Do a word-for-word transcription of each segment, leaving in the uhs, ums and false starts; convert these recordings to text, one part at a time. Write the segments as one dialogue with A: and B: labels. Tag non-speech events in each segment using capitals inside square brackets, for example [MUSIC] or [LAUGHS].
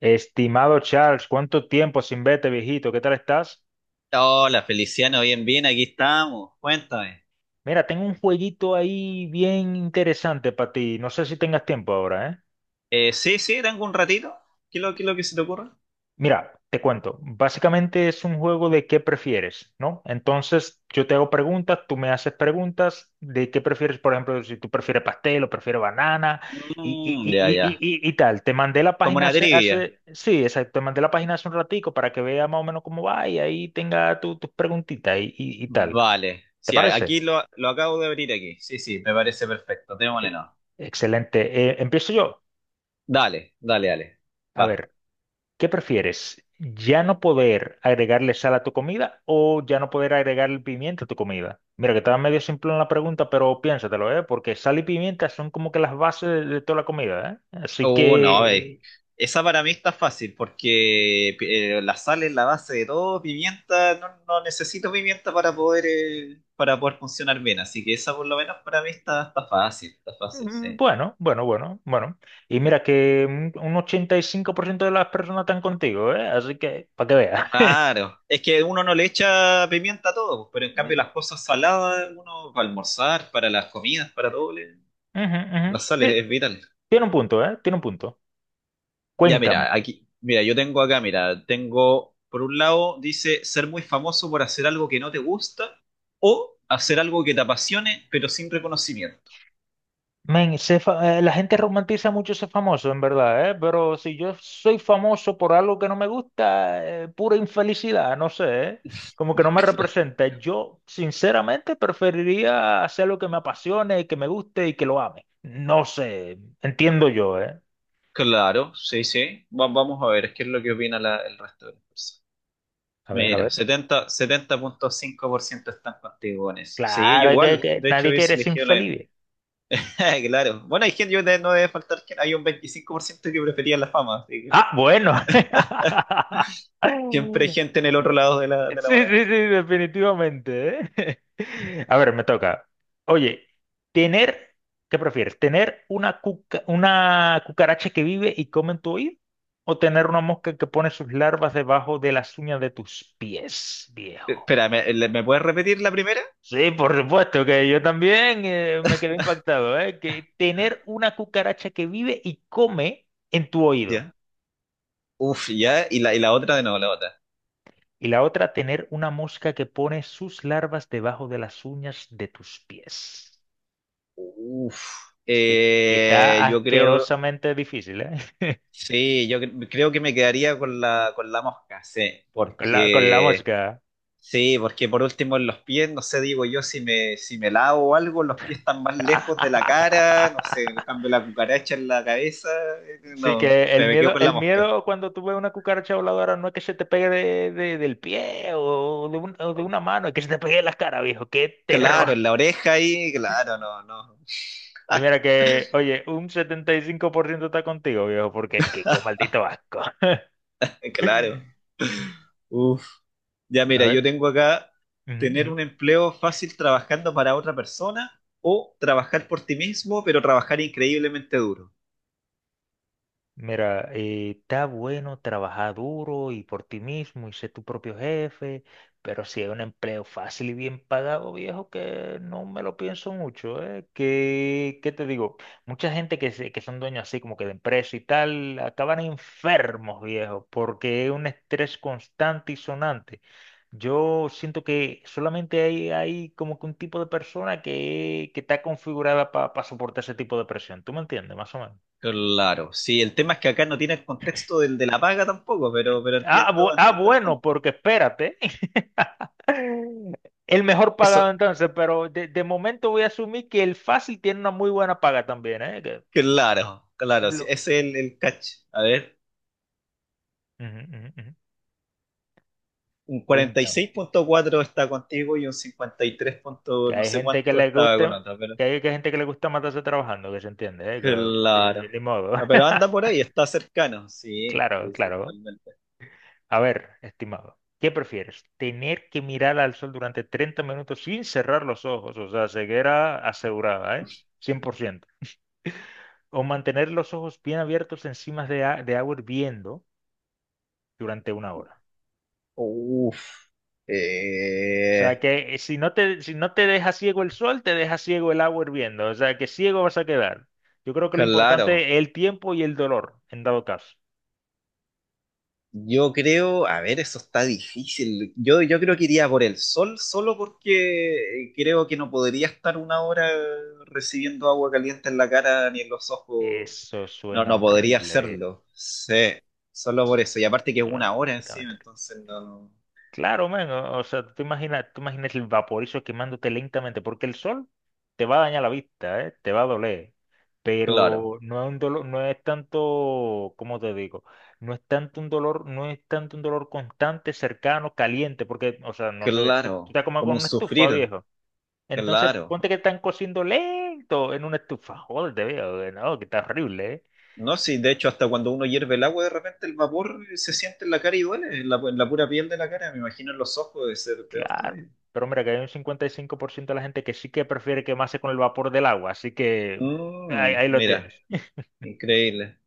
A: Estimado Charles, ¿cuánto tiempo sin verte, viejito? ¿Qué tal estás?
B: Hola, Feliciano, bien, bien, aquí estamos. Cuéntame.
A: Mira, tengo un jueguito ahí bien interesante para ti. No sé si tengas tiempo ahora, ¿eh?
B: Eh, sí, sí, tengo un ratito. ¿Qué es lo, qué es lo que se te ocurre?
A: Mira, te cuento. Básicamente es un juego de qué prefieres, ¿no? Entonces yo te hago preguntas, tú me haces preguntas de qué prefieres, por ejemplo, si tú prefieres pastel o prefieres banana y, y,
B: Mm, ya,
A: y,
B: ya.
A: y, y, y- y tal. Te mandé la
B: Como
A: página
B: una
A: hace,
B: trivia.
A: hace, sí, exacto, te mandé la página hace un ratico para que veas más o menos cómo va y ahí tenga tu- tus preguntitas y, y, y tal.
B: Vale.
A: ¿Te
B: Sí, a- aquí
A: parece?
B: lo, lo acabo de abrir aquí. Sí, sí, me parece perfecto. Démosle
A: Eh,
B: no.
A: Excelente. Eh, empiezo yo.
B: Dale, dale, dale.
A: A
B: Va.
A: ver, ¿qué prefieres? ¿Ya no poder agregarle sal a tu comida o ya no poder agregarle pimienta a tu comida? Mira, que estaba medio simple en la pregunta, pero piénsatelo, ¿eh? Porque sal y pimienta son como que las bases de, de toda la comida, ¿eh? Así
B: Uh, no, eh.
A: que,
B: Esa para mí está fácil porque eh, la sal es la base de todo. Pimienta, no, no necesito pimienta para poder, eh, para poder funcionar bien. Así que esa por lo menos para mí está, está fácil, está fácil,
A: mm,
B: sí.
A: bueno, bueno, bueno, bueno. Y mira que un un ochenta y cinco por ciento de las personas están contigo, ¿eh? Así que, para que veas. [LAUGHS]
B: Claro, es que uno no le echa pimienta a todo, pero en cambio las cosas saladas, uno para almorzar, para las comidas, para todo, le-
A: Ujú, ujú.
B: las sales
A: Ti-
B: es vital.
A: Tiene un punto, ¿eh? Tiene un punto.
B: Ya
A: Cuéntame.
B: mira, aquí, mira, yo tengo acá, mira, tengo, por un lado dice ser muy famoso por hacer algo que no te gusta o hacer algo que te apasione pero sin reconocimiento.
A: Men, sé fa- eh, la gente romantiza mucho ser famoso, en verdad, ¿eh? Pero si yo soy famoso por algo que no me gusta, eh, pura infelicidad, no sé, ¿eh? Como que no
B: [LAUGHS]
A: me
B: Cla-
A: representa. Yo, sinceramente, preferiría hacer lo que me apasione, que me guste y que lo ame. No sé, entiendo yo, ¿eh?
B: Claro, sí, sí, Va- vamos a ver qué es lo que opina la- el resto de las personas.
A: A ver, a
B: Mira,
A: ver.
B: setenta, setenta punto cinco por ciento están contigo en eso. Sí, yo
A: Claro, que,
B: igual.
A: que
B: De hecho,
A: nadie quiere
B: hubiese
A: ser
B: elegido lo mismo.
A: infeliz.
B: [LAUGHS] Claro. Bueno, hay gente, yo de- no debe faltar que hay un veinticinco por ciento que prefería la fama. Así que
A: Ah, bueno.
B: siempre hay
A: [LAUGHS]
B: gente en el otro lado de la,
A: [LAUGHS]
B: de la
A: Sí, sí, sí,
B: moneda.
A: definitivamente, ¿eh? [LAUGHS] A ver, me toca. Oye, tener, ¿qué prefieres? ¿Tener una cuca- una cucaracha que vive y come en tu oído? ¿O tener una mosca que pone sus larvas debajo de las uñas de tus pies,
B: Eh,
A: viejo?
B: Espera, ¿me, le- me puedes repetir la primera?
A: Sí, por supuesto que yo también eh, me quedé impactado, ¿eh? Que tener una cucaracha que vive y come en tu oído.
B: Ya. Uf, ya. Y la, y la otra de nuevo, la otra.
A: Y la otra, tener una mosca que pone sus larvas debajo de las uñas de tus pies.
B: Uf.
A: Sí, que está
B: Eh, yo creo.
A: asquerosamente difícil, ¿eh? [LAUGHS]
B: Sí, yo cre- creo que me quedaría con la, con la mosca, sí.
A: Con la, con la
B: Porque.
A: mosca.
B: Sí, porque por último en los pies, no sé, digo yo, si me, si me lavo o algo, los pies están más lejos de la cara, no sé, le
A: [LAUGHS]
B: cambio la cucaracha en la cabeza, eh,
A: Sí,
B: no,
A: que el
B: se me quedo
A: miedo,
B: con la
A: el
B: mosca.
A: miedo cuando tú ves una cucaracha voladora no es que se te pegue de, de- del pie o de, un- o de una mano, es que se te pegue en las caras, viejo. ¡Qué terror!
B: Claro, en la oreja ahí, claro, no, no,
A: Y mira
B: [LAUGHS]
A: que, oye, un setenta y cinco por ciento está contigo, viejo, porque es que qué maldito asco. [LAUGHS]
B: claro. Uf, ya
A: A
B: mira, yo
A: ver.
B: tengo acá tener
A: Ujú.
B: un empleo fácil trabajando para otra persona o trabajar por ti mismo, pero trabajar increíblemente duro.
A: Mira, eh, está bueno trabajar duro y por ti mismo y ser tu propio jefe, pero si hay un empleo fácil y bien pagado, viejo, que no me lo pienso mucho, ¿eh? ¿Qué, ¿qué te digo? Mucha gente que, se- que son dueños así como que de empresa y tal, acaban enfermos, viejo, porque es un estrés constante y sonante. Yo siento que solamente hay, hay como que un tipo de persona que, que está configurada para soportar ese tipo de presión. ¿Tú me entiendes? Más o menos.
B: Claro, sí, el tema es que acá no tiene el contexto del de la paga tampoco, pero, pero
A: Ah, bu-
B: entiendo,
A: ah,
B: entiendo el
A: bueno,
B: contexto.
A: porque espérate, [LAUGHS] el mejor pagado
B: Eso,
A: entonces, pero de, de momento voy a asumir que el fácil tiene una muy buena paga también, ¿eh? Que
B: claro, claro, sí,
A: lo-
B: ese es el, el catch. A ver,
A: Ujú, ujú, ujú.
B: un cuarenta y
A: Cuéntame,
B: seis punto cuatro está contigo y un cincuenta y tres punto
A: que
B: no
A: hay
B: sé
A: gente que
B: cuánto
A: le
B: estaba con
A: gusta,
B: otra, pero
A: que hay que gente que le gusta matarse trabajando, que se entiende, ¿eh? Que, eh,
B: claro.
A: ni modo.
B: Ah, pero anda por
A: [LAUGHS]
B: ahí, está cercano, sí,
A: Claro,
B: sí, sí,
A: claro.
B: totalmente.
A: A ver, estimado, ¿qué prefieres? ¿Tener que mirar al sol durante treinta minutos sin cerrar los ojos? O sea, ceguera asegurada, ¿eh? Cien por ciento. O mantener los ojos bien abiertos encima de, a- de agua hirviendo durante una hora.
B: Uf,
A: O sea
B: eh,
A: que eh, si no te, si no te deja ciego el sol, te deja ciego el agua hirviendo. O sea que ciego vas a quedar. Yo creo que lo
B: claro.
A: importante es el tiempo y el dolor, en dado caso.
B: Yo creo, a ver, eso está difícil. Yo, yo creo que iría por el sol solo porque creo que no podría estar una hora recibiendo agua caliente en la cara ni en los ojos.
A: Eso
B: No,
A: suena
B: no podría
A: horrible, viejo.
B: hacerlo. Sí, solo por eso. Y aparte que es
A: Suena
B: una hora encima,
A: completamente horrible.
B: entonces no.
A: Claro, man, o o sea, tú imaginas, tú imaginas el vaporizo quemándote lentamente, porque el sol te va a dañar la vista, ¿eh? Te va a doler,
B: Claro,
A: pero no es un dolor, no es tanto, ¿cómo te digo? No es tanto un dolor, no es tanto un dolor constante, cercano, caliente, porque, o sea, no sé, tú, tú
B: claro.
A: te comes
B: Como
A: con
B: un
A: una estufa,
B: sufrir,
A: viejo. Entonces,
B: claro.
A: ponte que están cociendo lento en una estufa, joder, te veo, no, que está horrible, ¿eh?
B: No, sí, de hecho, hasta cuando uno hierve el agua, de repente el vapor se siente en la cara y duele, en la, en la pura piel de la cara. Me imagino en los ojos de ser peor
A: Claro.
B: todavía.
A: Pero mira que hay un cincuenta y cinco por ciento de la gente que sí que prefiere quemarse con el vapor del agua, así que ahí,
B: Mm,
A: ahí lo
B: mira,
A: tienes.
B: increíble.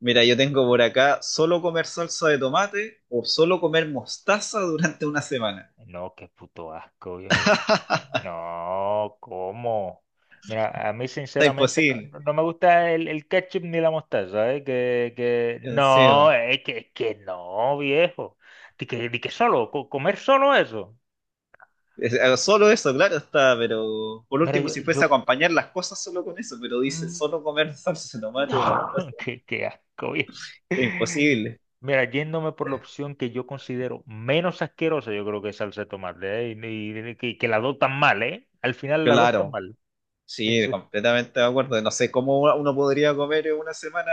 B: Mira, yo tengo por acá solo comer salsa de tomate o solo comer mostaza durante una semana.
A: No, qué puto asco,
B: [LAUGHS]
A: viejo, bro.
B: Está
A: No, ¿cómo? Mira, a mí sinceramente
B: imposible.
A: no, no- no me gusta el, el ketchup ni la mostaza, ¿eh? Que, que no,
B: Encima.
A: es que, es que no, viejo. Di que, di que solo, co- comer solo eso.
B: Es- eh, Solo eso, claro, está, pero por
A: Mira,
B: último,
A: yo,
B: si fuese a
A: yo,
B: acompañar las cosas solo con eso, pero dice
A: mm,
B: solo comer [LAUGHS] salsa de tomate o
A: no,
B: mostaza,
A: [LAUGHS] qué, qué asco, viejo.
B: es imposible.
A: Mira, yéndome por la opción que yo considero menos asquerosa, yo creo que es salsa de tomate, ¿eh? Y, y- y que, que las dos tan mal, ¿eh? Al final las dos están
B: Claro,
A: mal.
B: sí,
A: Entonces,
B: completamente de acuerdo. No sé cómo uno podría comer en una semana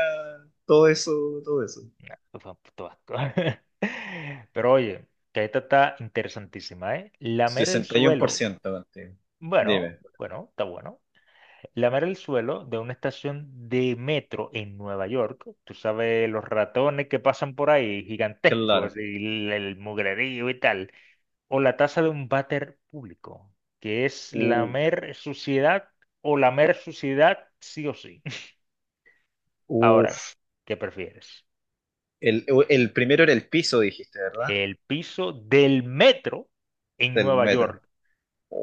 B: todo eso, todo eso.
A: nah, pues, fue un puto asco. [LAUGHS] Pero oye, que esta está interesantísima, ¿eh? Lamer el
B: sesenta y uno por
A: suelo,
B: ciento contigo.
A: bueno,
B: Dime,
A: bueno, está bueno. Lamer el suelo de una estación de metro en Nueva York. Tú sabes, los ratones que pasan por ahí,
B: claro.
A: gigantescos, y el, el mugrerío y tal. O la taza de un váter público, que es
B: U-
A: lamer suciedad o lamer suciedad sí o sí. [LAUGHS] Ahora,
B: Uf,
A: ¿qué prefieres?
B: el, el primero era el piso, dijiste, ¿verdad?
A: ¿El piso del metro en
B: Del
A: Nueva York?
B: metro.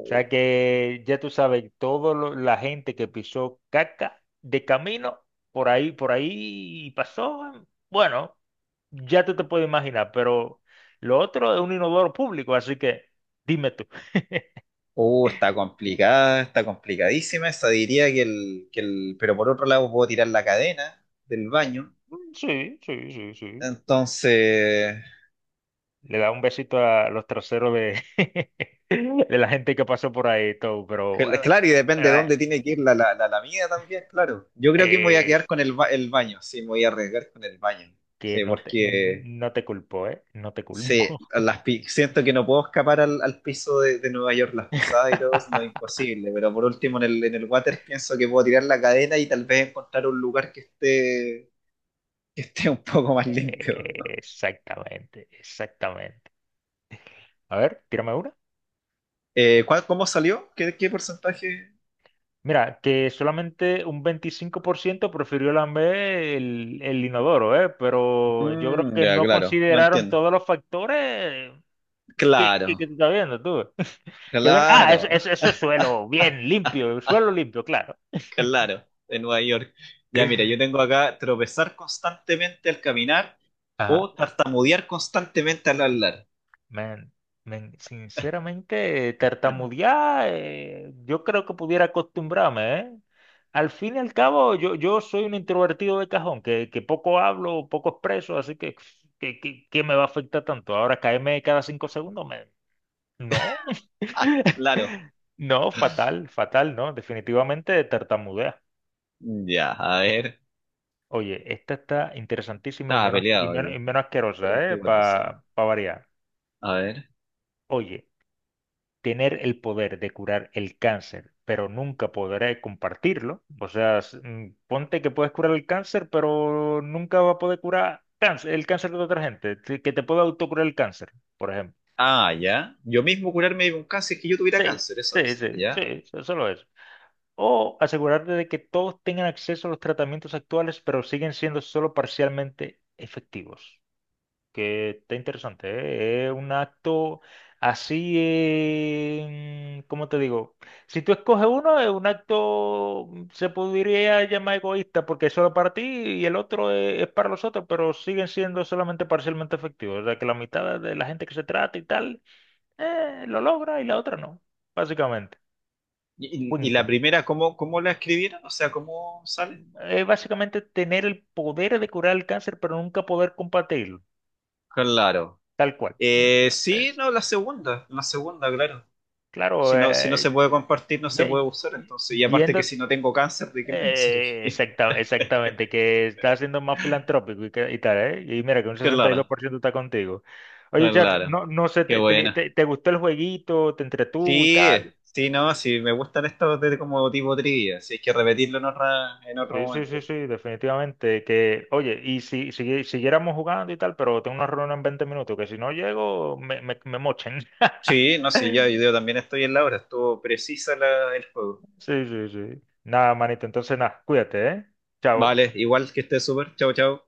A: O sea que ya tú sabes, toda la gente que pisó caca de camino, por ahí, por ahí pasó, bueno, ya tú te puedes imaginar, pero lo otro es un inodoro público, así que dime tú.
B: Uh, está complicada, está complicadísima esa. Diría que el, que el. Pero por otro lado, puedo tirar la cadena del baño.
A: Mm, sí, sí, sí, sí.
B: Entonces.
A: Le da un besito a los traseros de, [LAUGHS] de la gente que pasó por ahí, todo, pero,
B: cl-
A: bueno,
B: Claro, y depende
A: pero
B: de
A: eh,
B: dónde tiene que ir la, la, la, la mía también, claro. Yo creo que me voy a
A: eh,
B: quedar con el, ba- el baño. Sí, me voy a arriesgar con el baño.
A: que
B: Sí,
A: no te,
B: porque.
A: no te culpo, ¿eh? No te
B: Sí,
A: culpo.
B: las, pi- siento que no puedo escapar al, al piso de, de Nueva York, las pisadas y todo, no es
A: [LAUGHS]
B: imposible. Pero por último, en el, en el water pienso que puedo tirar la cadena y tal vez encontrar un lugar que esté, que esté un poco más limpio.
A: Eh, Exactamente, exactamente. A ver, tírame una.
B: Eh, ¿cuál- ¿cómo salió? ¿Qué, qué porcentaje?
A: Mira, que solamente un veinticinco por ciento prefirió lamber el, el inodoro, ¿eh? Pero yo creo
B: Mm,
A: que
B: ya,
A: no
B: claro, lo
A: consideraron
B: entiendo.
A: todos los factores que, que, que
B: Claro,
A: tú estás viendo tú. [LAUGHS] Que ven, ah, eso,
B: claro,
A: eso, eso
B: [LAUGHS]
A: es suelo, bien, limpio, suelo limpio, claro.
B: claro, de Nueva York. Ya, mira, yo tengo
A: [LAUGHS]
B: acá tropezar constantemente al caminar
A: Ajá.
B: o tartamudear constantemente al hablar.
A: Man, man, sinceramente, tartamudear, eh, yo creo que pudiera acostumbrarme, ¿eh? Al fin y al cabo, yo, yo soy un introvertido de cajón, que, que poco hablo, poco expreso, así que, ¿qué, qué- ¿qué me va a afectar tanto? Ahora caerme cada cinco segundos, man. No,
B: Ah, claro.
A: [LAUGHS] no, fatal, fatal, no, definitivamente tartamudea.
B: Ya, a ver.
A: Oye, esta está interesantísima y
B: Estaba
A: menos, y
B: peleado
A: menos, y
B: aquí.
A: menos asquerosa,
B: Treinta
A: ¿eh?
B: y cuatro seis.
A: Para variar.
B: A ver.
A: Oye, tener el poder de curar el cáncer, pero nunca podré compartirlo. O sea, s- mm, ponte que puedes curar el cáncer, pero nunca va a poder curar cáncer, el cáncer de otra gente, te- que te pueda autocurar el cáncer, por ejemplo.
B: Ah, ya. Yo mismo curarme de un cáncer es que yo tuviera
A: Sí,
B: cáncer, eso
A: sí,
B: es.
A: sí,
B: Ya.
A: sí, so- solo eso. O asegurarte de que todos tengan acceso a los tratamientos actuales, pero siguen siendo solo parcialmente efectivos. Que está interesante, ¿eh? Es un acto así, eh, ¿cómo te digo? Si tú escoges uno, es un acto, mm, se podría llamar egoísta porque es solo para ti y el otro es, es para los otros, pero siguen siendo solamente parcialmente efectivos. O sea, que la mitad de la gente que se trata y tal, eh, lo logra y la otra no, básicamente.
B: ¿Y, y- y la
A: Cuéntame.
B: primera, ¿cómo, cómo la escribieron? O sea, ¿cómo sale?
A: Es básicamente tener el poder de curar el cáncer, pero nunca poder combatirlo,
B: Claro.
A: tal cual.
B: Eh, sí,
A: Entonces,
B: no, la segunda, la segunda, claro. Si
A: claro,
B: no, si no
A: eh,
B: se puede compartir, no se puede
A: ye-
B: usar, entonces. Y aparte que
A: yendo
B: si no tengo cáncer, ¿de qué me va a
A: eh,
B: servir?
A: exacta- exactamente, que estás siendo más filantrópico y, que- y tal, ¿eh? Y mira que un
B: [LAUGHS]
A: sesenta y dos
B: Claro,
A: por ciento está contigo. Oye, Charles,
B: claro.
A: no, no sé,
B: Qué
A: te, te-
B: buena.
A: te- ¿te gustó el jueguito? ¿Te entretuvo y
B: Sí,
A: tal?
B: sí, no, sí, me gustan estos de como tipo trivia, si hay que repetirlo en otra, en otro
A: Sí, sí, sí,
B: momento.
A: sí, definitivamente. Que, oye, y si, si siguiéramos jugando y tal, pero tengo una reunión en veinte minutos, que si no llego, me, me, me mochen.
B: Sí,
A: [LAUGHS]
B: no, sí, ya, yo también estoy en la hora, estuvo precisa la, el juego.
A: Sí, sí, sí. Nada, manito, entonces nada, cuídate, ¿eh? Chao.
B: Vale, igual que esté súper, chao, chao.